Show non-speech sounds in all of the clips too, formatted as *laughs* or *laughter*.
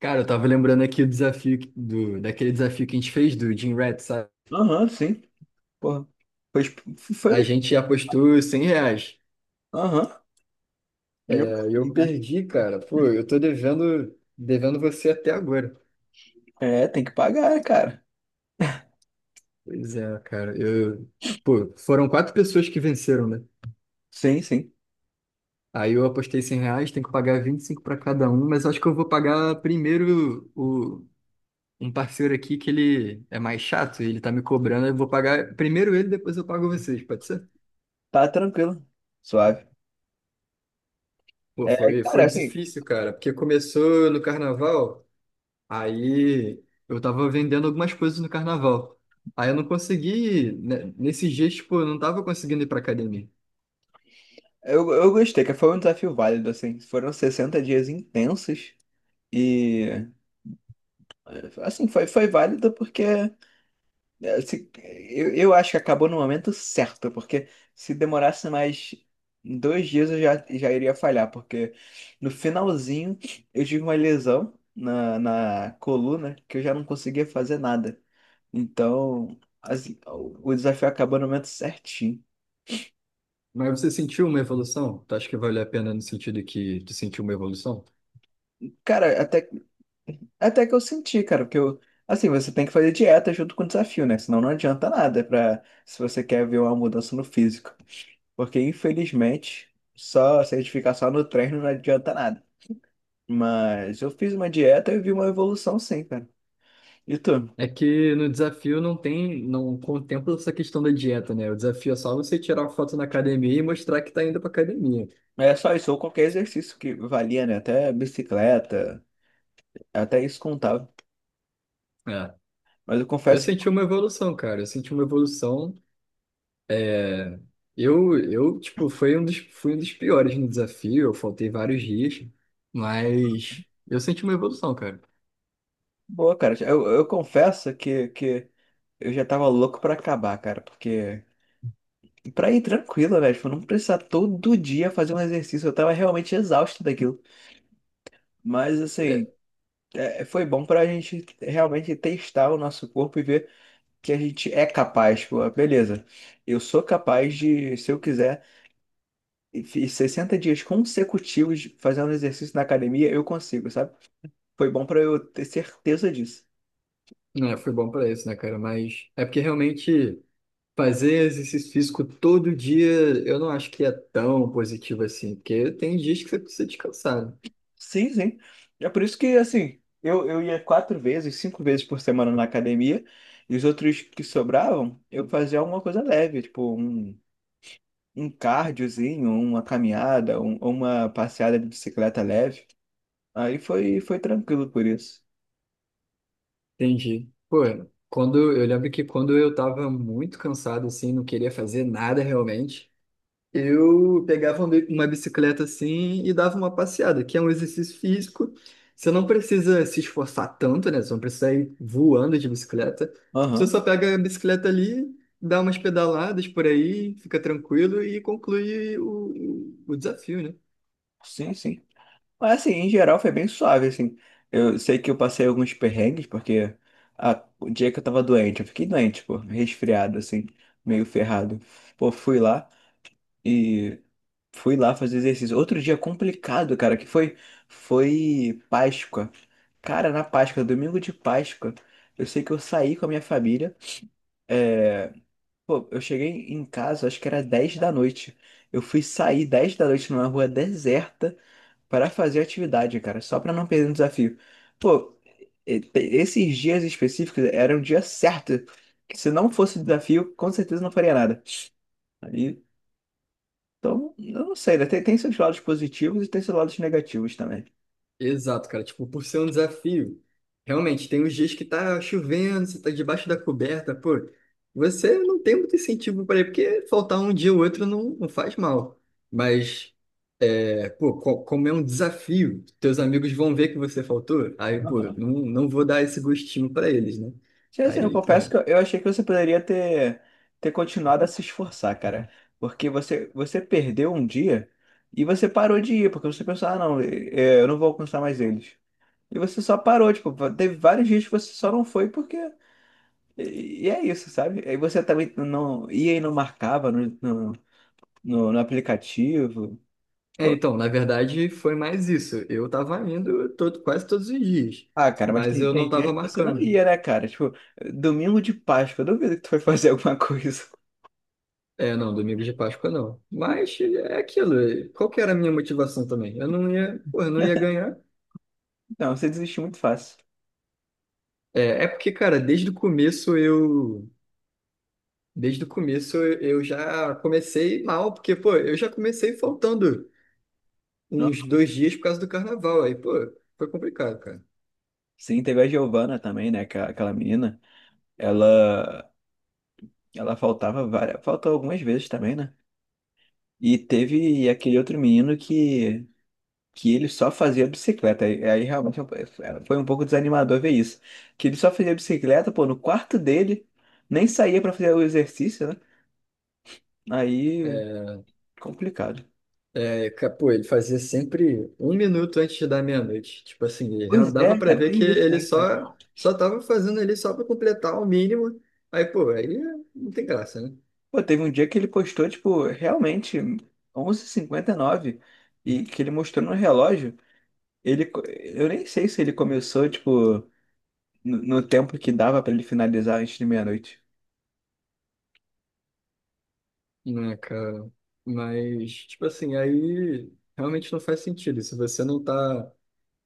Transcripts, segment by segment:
Cara, eu tava lembrando aqui do desafio daquele desafio que a gente fez do Jim Rat, sabe? Aham, sim. Porra. Foi, foi A mesmo. gente apostou R$ 100. Aham. É, Eu e paguei, eu né? perdi, cara. Pô, *laughs* eu tô devendo você até agora. É, tem que pagar, cara. Pois é, cara. Pô, foram 4 pessoas que venceram, né? Sim, sim. Aí eu apostei R$ 100, tenho que pagar 25 para cada um, mas acho que eu vou pagar primeiro um parceiro aqui que ele é mais chato, ele tá me cobrando, eu vou pagar primeiro ele, depois eu pago vocês, pode ser? Tá tranquilo. Suave. Pô, É, foi, cara, foi assim, difícil, cara, porque começou no carnaval, aí eu tava vendendo algumas coisas no carnaval. Aí eu não consegui, né, nesses dias, tipo, eu não tava conseguindo ir pra academia. eu gostei, que foi um desafio válido, assim. Foram 60 dias intensos e, assim, foi válido porque É, se- eu acho que acabou no momento certo, porque se demorasse mais 2 dias eu já iria falhar, porque no finalzinho eu tive uma lesão na coluna que eu já não conseguia fazer nada. Então, assim, o desafio acabou no momento certinho. Mas você sentiu uma evolução? Tu acha que valeu a pena no sentido que tu sentiu uma evolução? Cara, até que eu senti, cara, porque eu, assim, você tem que fazer dieta junto com o desafio, né? Senão não adianta nada pra, se você quer ver uma mudança no físico. Porque infelizmente, só se a gente ficar só no treino não adianta nada. Mas eu fiz uma dieta e vi uma evolução sim, cara. E tu? É que no desafio não tem, não contempla essa questão da dieta, né? O desafio é só você tirar uma foto na academia e mostrar que tá indo pra academia. É só isso, ou qualquer exercício que valia, né? Até bicicleta, até isso contava. É. Mas eu Eu confesso que, senti uma evolução, cara. Eu senti uma evolução. Eu, tipo, foi um dos, fui um dos piores no desafio, eu faltei vários dias, mas eu senti uma evolução, cara. boa, cara. Eu confesso que eu já tava louco pra acabar, cara. Porque, pra ir tranquilo, né? Tipo, não precisar todo dia fazer um exercício. Eu tava realmente exausto daquilo. Mas, É, assim, é, foi bom pra gente realmente testar o nosso corpo e ver. Que a gente é capaz, pô, beleza. Eu sou capaz de, se eu quiser, e fiz 60 dias consecutivos fazendo exercício na academia, eu consigo, sabe? Foi bom pra eu ter certeza disso. né, foi bom pra isso, né, cara? Mas é porque realmente fazer exercício físico todo dia, eu não acho que é tão positivo assim, porque tem dias que você precisa descansar, né? Sim, sim. É por isso que, assim, eu ia quatro vezes, cinco vezes por semana na academia, e os outros que sobravam, eu fazia alguma coisa leve, tipo um cardiozinho, uma caminhada, uma passeada de bicicleta leve. Aí foi tranquilo por isso. Entendi. Pô, quando, eu lembro que quando eu tava muito cansado, assim, não queria fazer nada realmente, eu pegava uma bicicleta assim e dava uma passeada, que é um exercício físico. Você não precisa se esforçar tanto, né? Você não precisa ir voando de bicicleta. Você Aham. só pega a bicicleta ali, dá umas pedaladas por aí, fica tranquilo e conclui o desafio, né? Sim, sim. Mas assim, em geral foi bem suave, assim. Eu sei que eu passei alguns perrengues, porque o dia que eu tava doente, eu fiquei doente, pô, resfriado, assim, meio ferrado. Pô, fui lá e fui lá fazer exercício. Outro dia complicado, cara, que foi Páscoa. Cara, na Páscoa, domingo de Páscoa, eu sei que eu saí com a minha família. É, pô, eu cheguei em casa, acho que era 10 da noite. Eu fui sair 10 da noite numa rua deserta. Pra fazer atividade, cara, só pra não perder o desafio. Pô, esses dias específicos eram um dia certo, que se não fosse desafio, com certeza não faria nada. Aí, então, eu não sei, né? Tem seus lados positivos e tem seus lados negativos também. Exato, cara. Tipo, por ser um desafio, realmente, tem uns dias que tá chovendo, você tá debaixo da coberta, pô. Você não tem muito incentivo para ir, porque faltar um dia ou outro não, não faz mal. Mas é, pô, como é um desafio, teus amigos vão ver que você faltou, aí, pô, não, Aham. não vou dar esse gostinho pra eles, né? Sim, assim, eu Aí, pô. confesso É, que eu achei que você poderia ter continuado a se esforçar, cara. Porque você perdeu um dia e você parou de ir, porque você pensou, ah, não, eu não vou alcançar mais eles. E você só parou, tipo, teve vários dias que você só não foi porque. E é isso, sabe? Aí você também não ia e não marcava no aplicativo. Pô, então, na verdade, foi mais isso. Eu tava indo todo, quase todos os dias, ah, cara, mas mas tem, eu tem não dias tava que você não marcando. ia, né, cara? Tipo, domingo de Páscoa, eu duvido que tu foi *laughs* fazer alguma coisa. É, não, domingo de Páscoa não. Mas é aquilo, é, qual que era a minha motivação também? Eu não ia, pô, eu não ia ganhar. Não, você desiste muito fácil. É, é porque, cara, desde o começo eu. Desde o começo eu já comecei mal, porque, pô, eu já comecei faltando Não. uns 2 dias por causa do carnaval. Aí, pô, foi complicado, cara. Sim, teve a Giovana também, né? Aquela menina. Ela, ela faltava várias, faltou algumas vezes também, né? E teve aquele outro menino que ele só fazia bicicleta. Aí realmente foi um pouco desanimador ver isso. Que ele só fazia bicicleta, pô, no quarto dele, nem saía pra fazer o exercício, né? Aí, É, complicado. é, pô, ele fazia sempre 1 minuto antes da meia-noite. Tipo assim, Pois dava é, pra cara, ver que tem isso ele ainda. só tava fazendo ali só pra completar o mínimo. Aí, pô, aí não tem graça, né? Pô, teve um dia que ele postou, tipo, realmente, 23:59 e que ele mostrou no relógio. Eu nem sei se ele começou, tipo, no tempo que dava pra ele finalizar antes de meia-noite. Né, cara? Mas, tipo assim, aí realmente não faz sentido. Se você não tá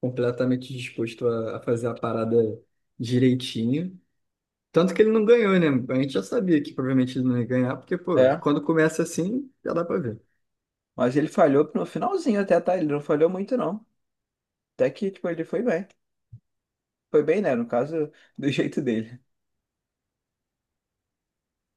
completamente disposto a fazer a parada direitinho. Tanto que ele não ganhou, né? A gente já sabia que provavelmente ele não ia ganhar, porque, pô, É, quando começa assim, já dá pra ver. mas ele falhou no finalzinho até, tá? Ele não falhou muito, não. Até que, tipo, ele foi bem. Foi bem, né? No caso, do *laughs* jeito dele.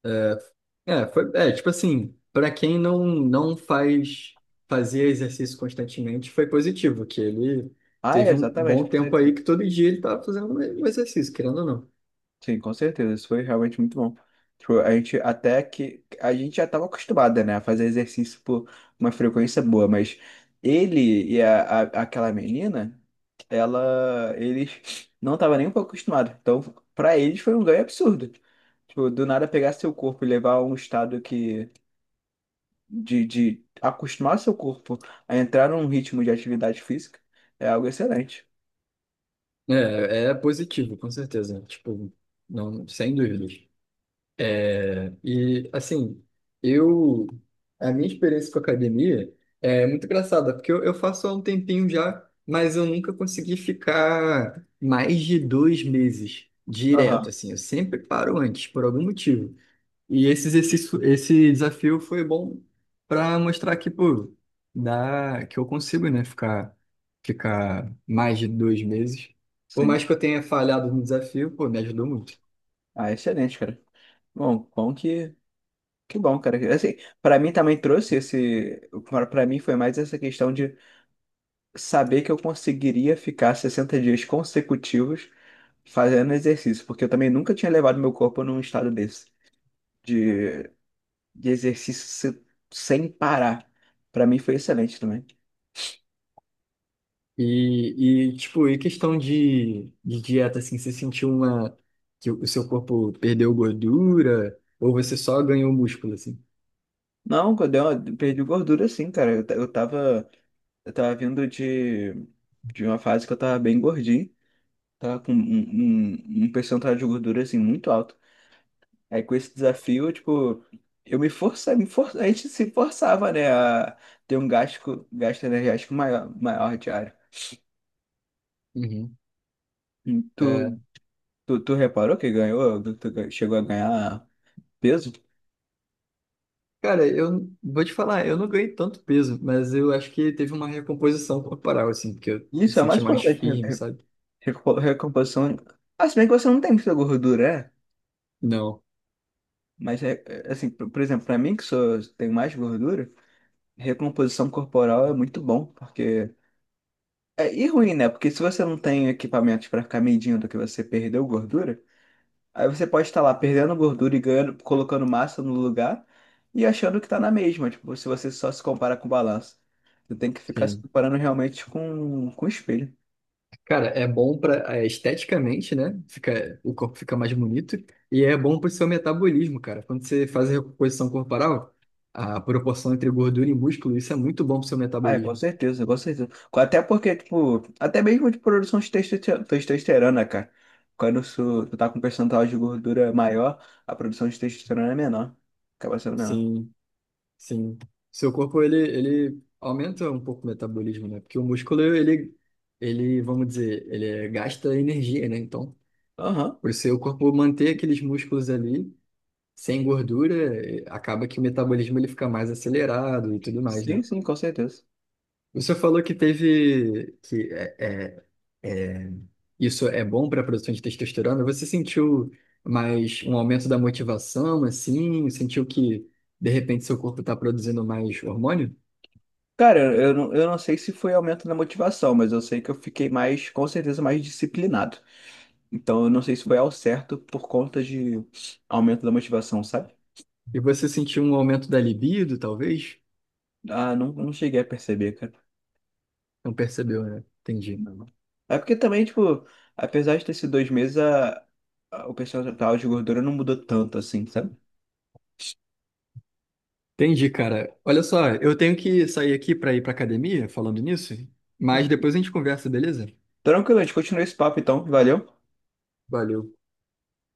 É, é, foi, é, tipo assim, pra quem não fazia exercício constantemente, foi positivo, que ele Ah, é, teve um exatamente, bom com tempo aí certeza. que todo dia ele tava fazendo um exercício, querendo ou não. Sim, com certeza. Isso foi realmente muito bom. Tipo, a gente até que. A gente já estava acostumada, né? A fazer exercício por uma frequência boa, mas ele e aquela menina, ela. Eles não estavam nem um pouco acostumados. Então, pra eles foi um ganho absurdo. Tipo, do nada pegar seu corpo e levar a um estado que. De acostumar seu corpo a entrar num ritmo de atividade física é algo excelente. É, é positivo, com certeza. Tipo, não, sem dúvidas. E, assim, eu... A minha experiência com academia é muito engraçada, porque eu faço há um tempinho já, mas eu nunca consegui ficar mais de 2 meses direto, Aham. assim. Eu sempre paro antes, por algum motivo. E esse exercício, esse desafio foi bom para mostrar que, pô, dá, que eu consigo, né, ficar, ficar mais de 2 meses. Por Sim. mais que eu tenha falhado no desafio, pô, me ajudou muito. Ah, excelente, cara. Bom, bom que bom, cara. Assim, para mim também trouxe esse, para mim foi mais essa questão de saber que eu conseguiria ficar 60 dias consecutivos fazendo exercício, porque eu também nunca tinha levado meu corpo num estado desse de, de exercício se- sem parar. Para mim foi excelente também. E, tipo, e questão de dieta, assim, você sentiu uma, que o seu corpo perdeu gordura ou você só ganhou músculo, assim? Não, quando eu perdi gordura, sim, cara. Eu tava. Eu tava vindo de uma fase que eu tava bem gordinho, tava com um percentual de gordura assim muito alto. Aí com esse desafio, eu, tipo, eu me forçava, a gente se forçava, né, a ter um gasto, gasto energético maior, maior diário. Uhum. E Tu, É, tu, tu reparou que ganhou, chegou a ganhar peso? cara, eu vou te falar, eu não ganhei tanto peso, mas eu acho que teve uma recomposição corporal, assim, porque eu me Isso é o senti mais mais importante, né? firme, sabe? Recomposição. Ah, se bem que você não tem muita gordura, é? Não. Mas, assim, por exemplo, pra mim que tenho mais gordura. Recomposição corporal é muito bom, porque. É, e ruim, né? Porque se você não tem equipamentos para ficar medindo que você perdeu gordura, aí você pode estar lá perdendo gordura e ganhando, colocando massa no lugar e achando que tá na mesma, tipo, se você só se compara com balança. Você tem que ficar se Sim. comparando realmente com o espelho. Cara, é bom para esteticamente, né? Fica, o corpo fica mais bonito e é bom para o seu metabolismo, cara. Quando você faz a recomposição corporal, a proporção entre gordura e músculo, isso é muito bom para o seu Ah, é, com metabolismo. certeza, com certeza. Até porque, tipo, até mesmo de produção de testosterona, cara. Quando tu tá com um percentual de gordura maior, a produção de testosterona é menor. Acaba sendo menor. Sim, sim. Seu corpo ele aumenta um pouco o metabolismo, né? Porque o músculo ele, vamos dizer, gasta energia, né? Então, Aham. o seu corpo manter aqueles músculos ali sem gordura, acaba que o metabolismo ele fica mais acelerado e tudo mais, né? Sim, sim, com certeza. Você falou que teve que é, é, isso é bom para a produção de testosterona. Você sentiu mais um aumento da motivação, assim? Sentiu que de repente seu corpo está produzindo mais hormônio? Cara, eu não, eu não sei se foi aumento na motivação, mas eu sei que eu fiquei mais, com certeza, mais disciplinado. Então, eu não sei se foi ao certo por conta de aumento da motivação, sabe? E você sentiu um aumento da libido, talvez? Ah, não, não cheguei a perceber, cara. Não percebeu, né? Entendi. Não. É porque também, tipo, apesar de ter sido 2 meses, o percentual de gordura não mudou tanto assim, sabe? Entendi, cara. Olha só, eu tenho que sair aqui para ir para academia, falando nisso, mas depois a gente conversa, beleza? Tranquilo, a gente continua esse papo então, valeu? Valeu.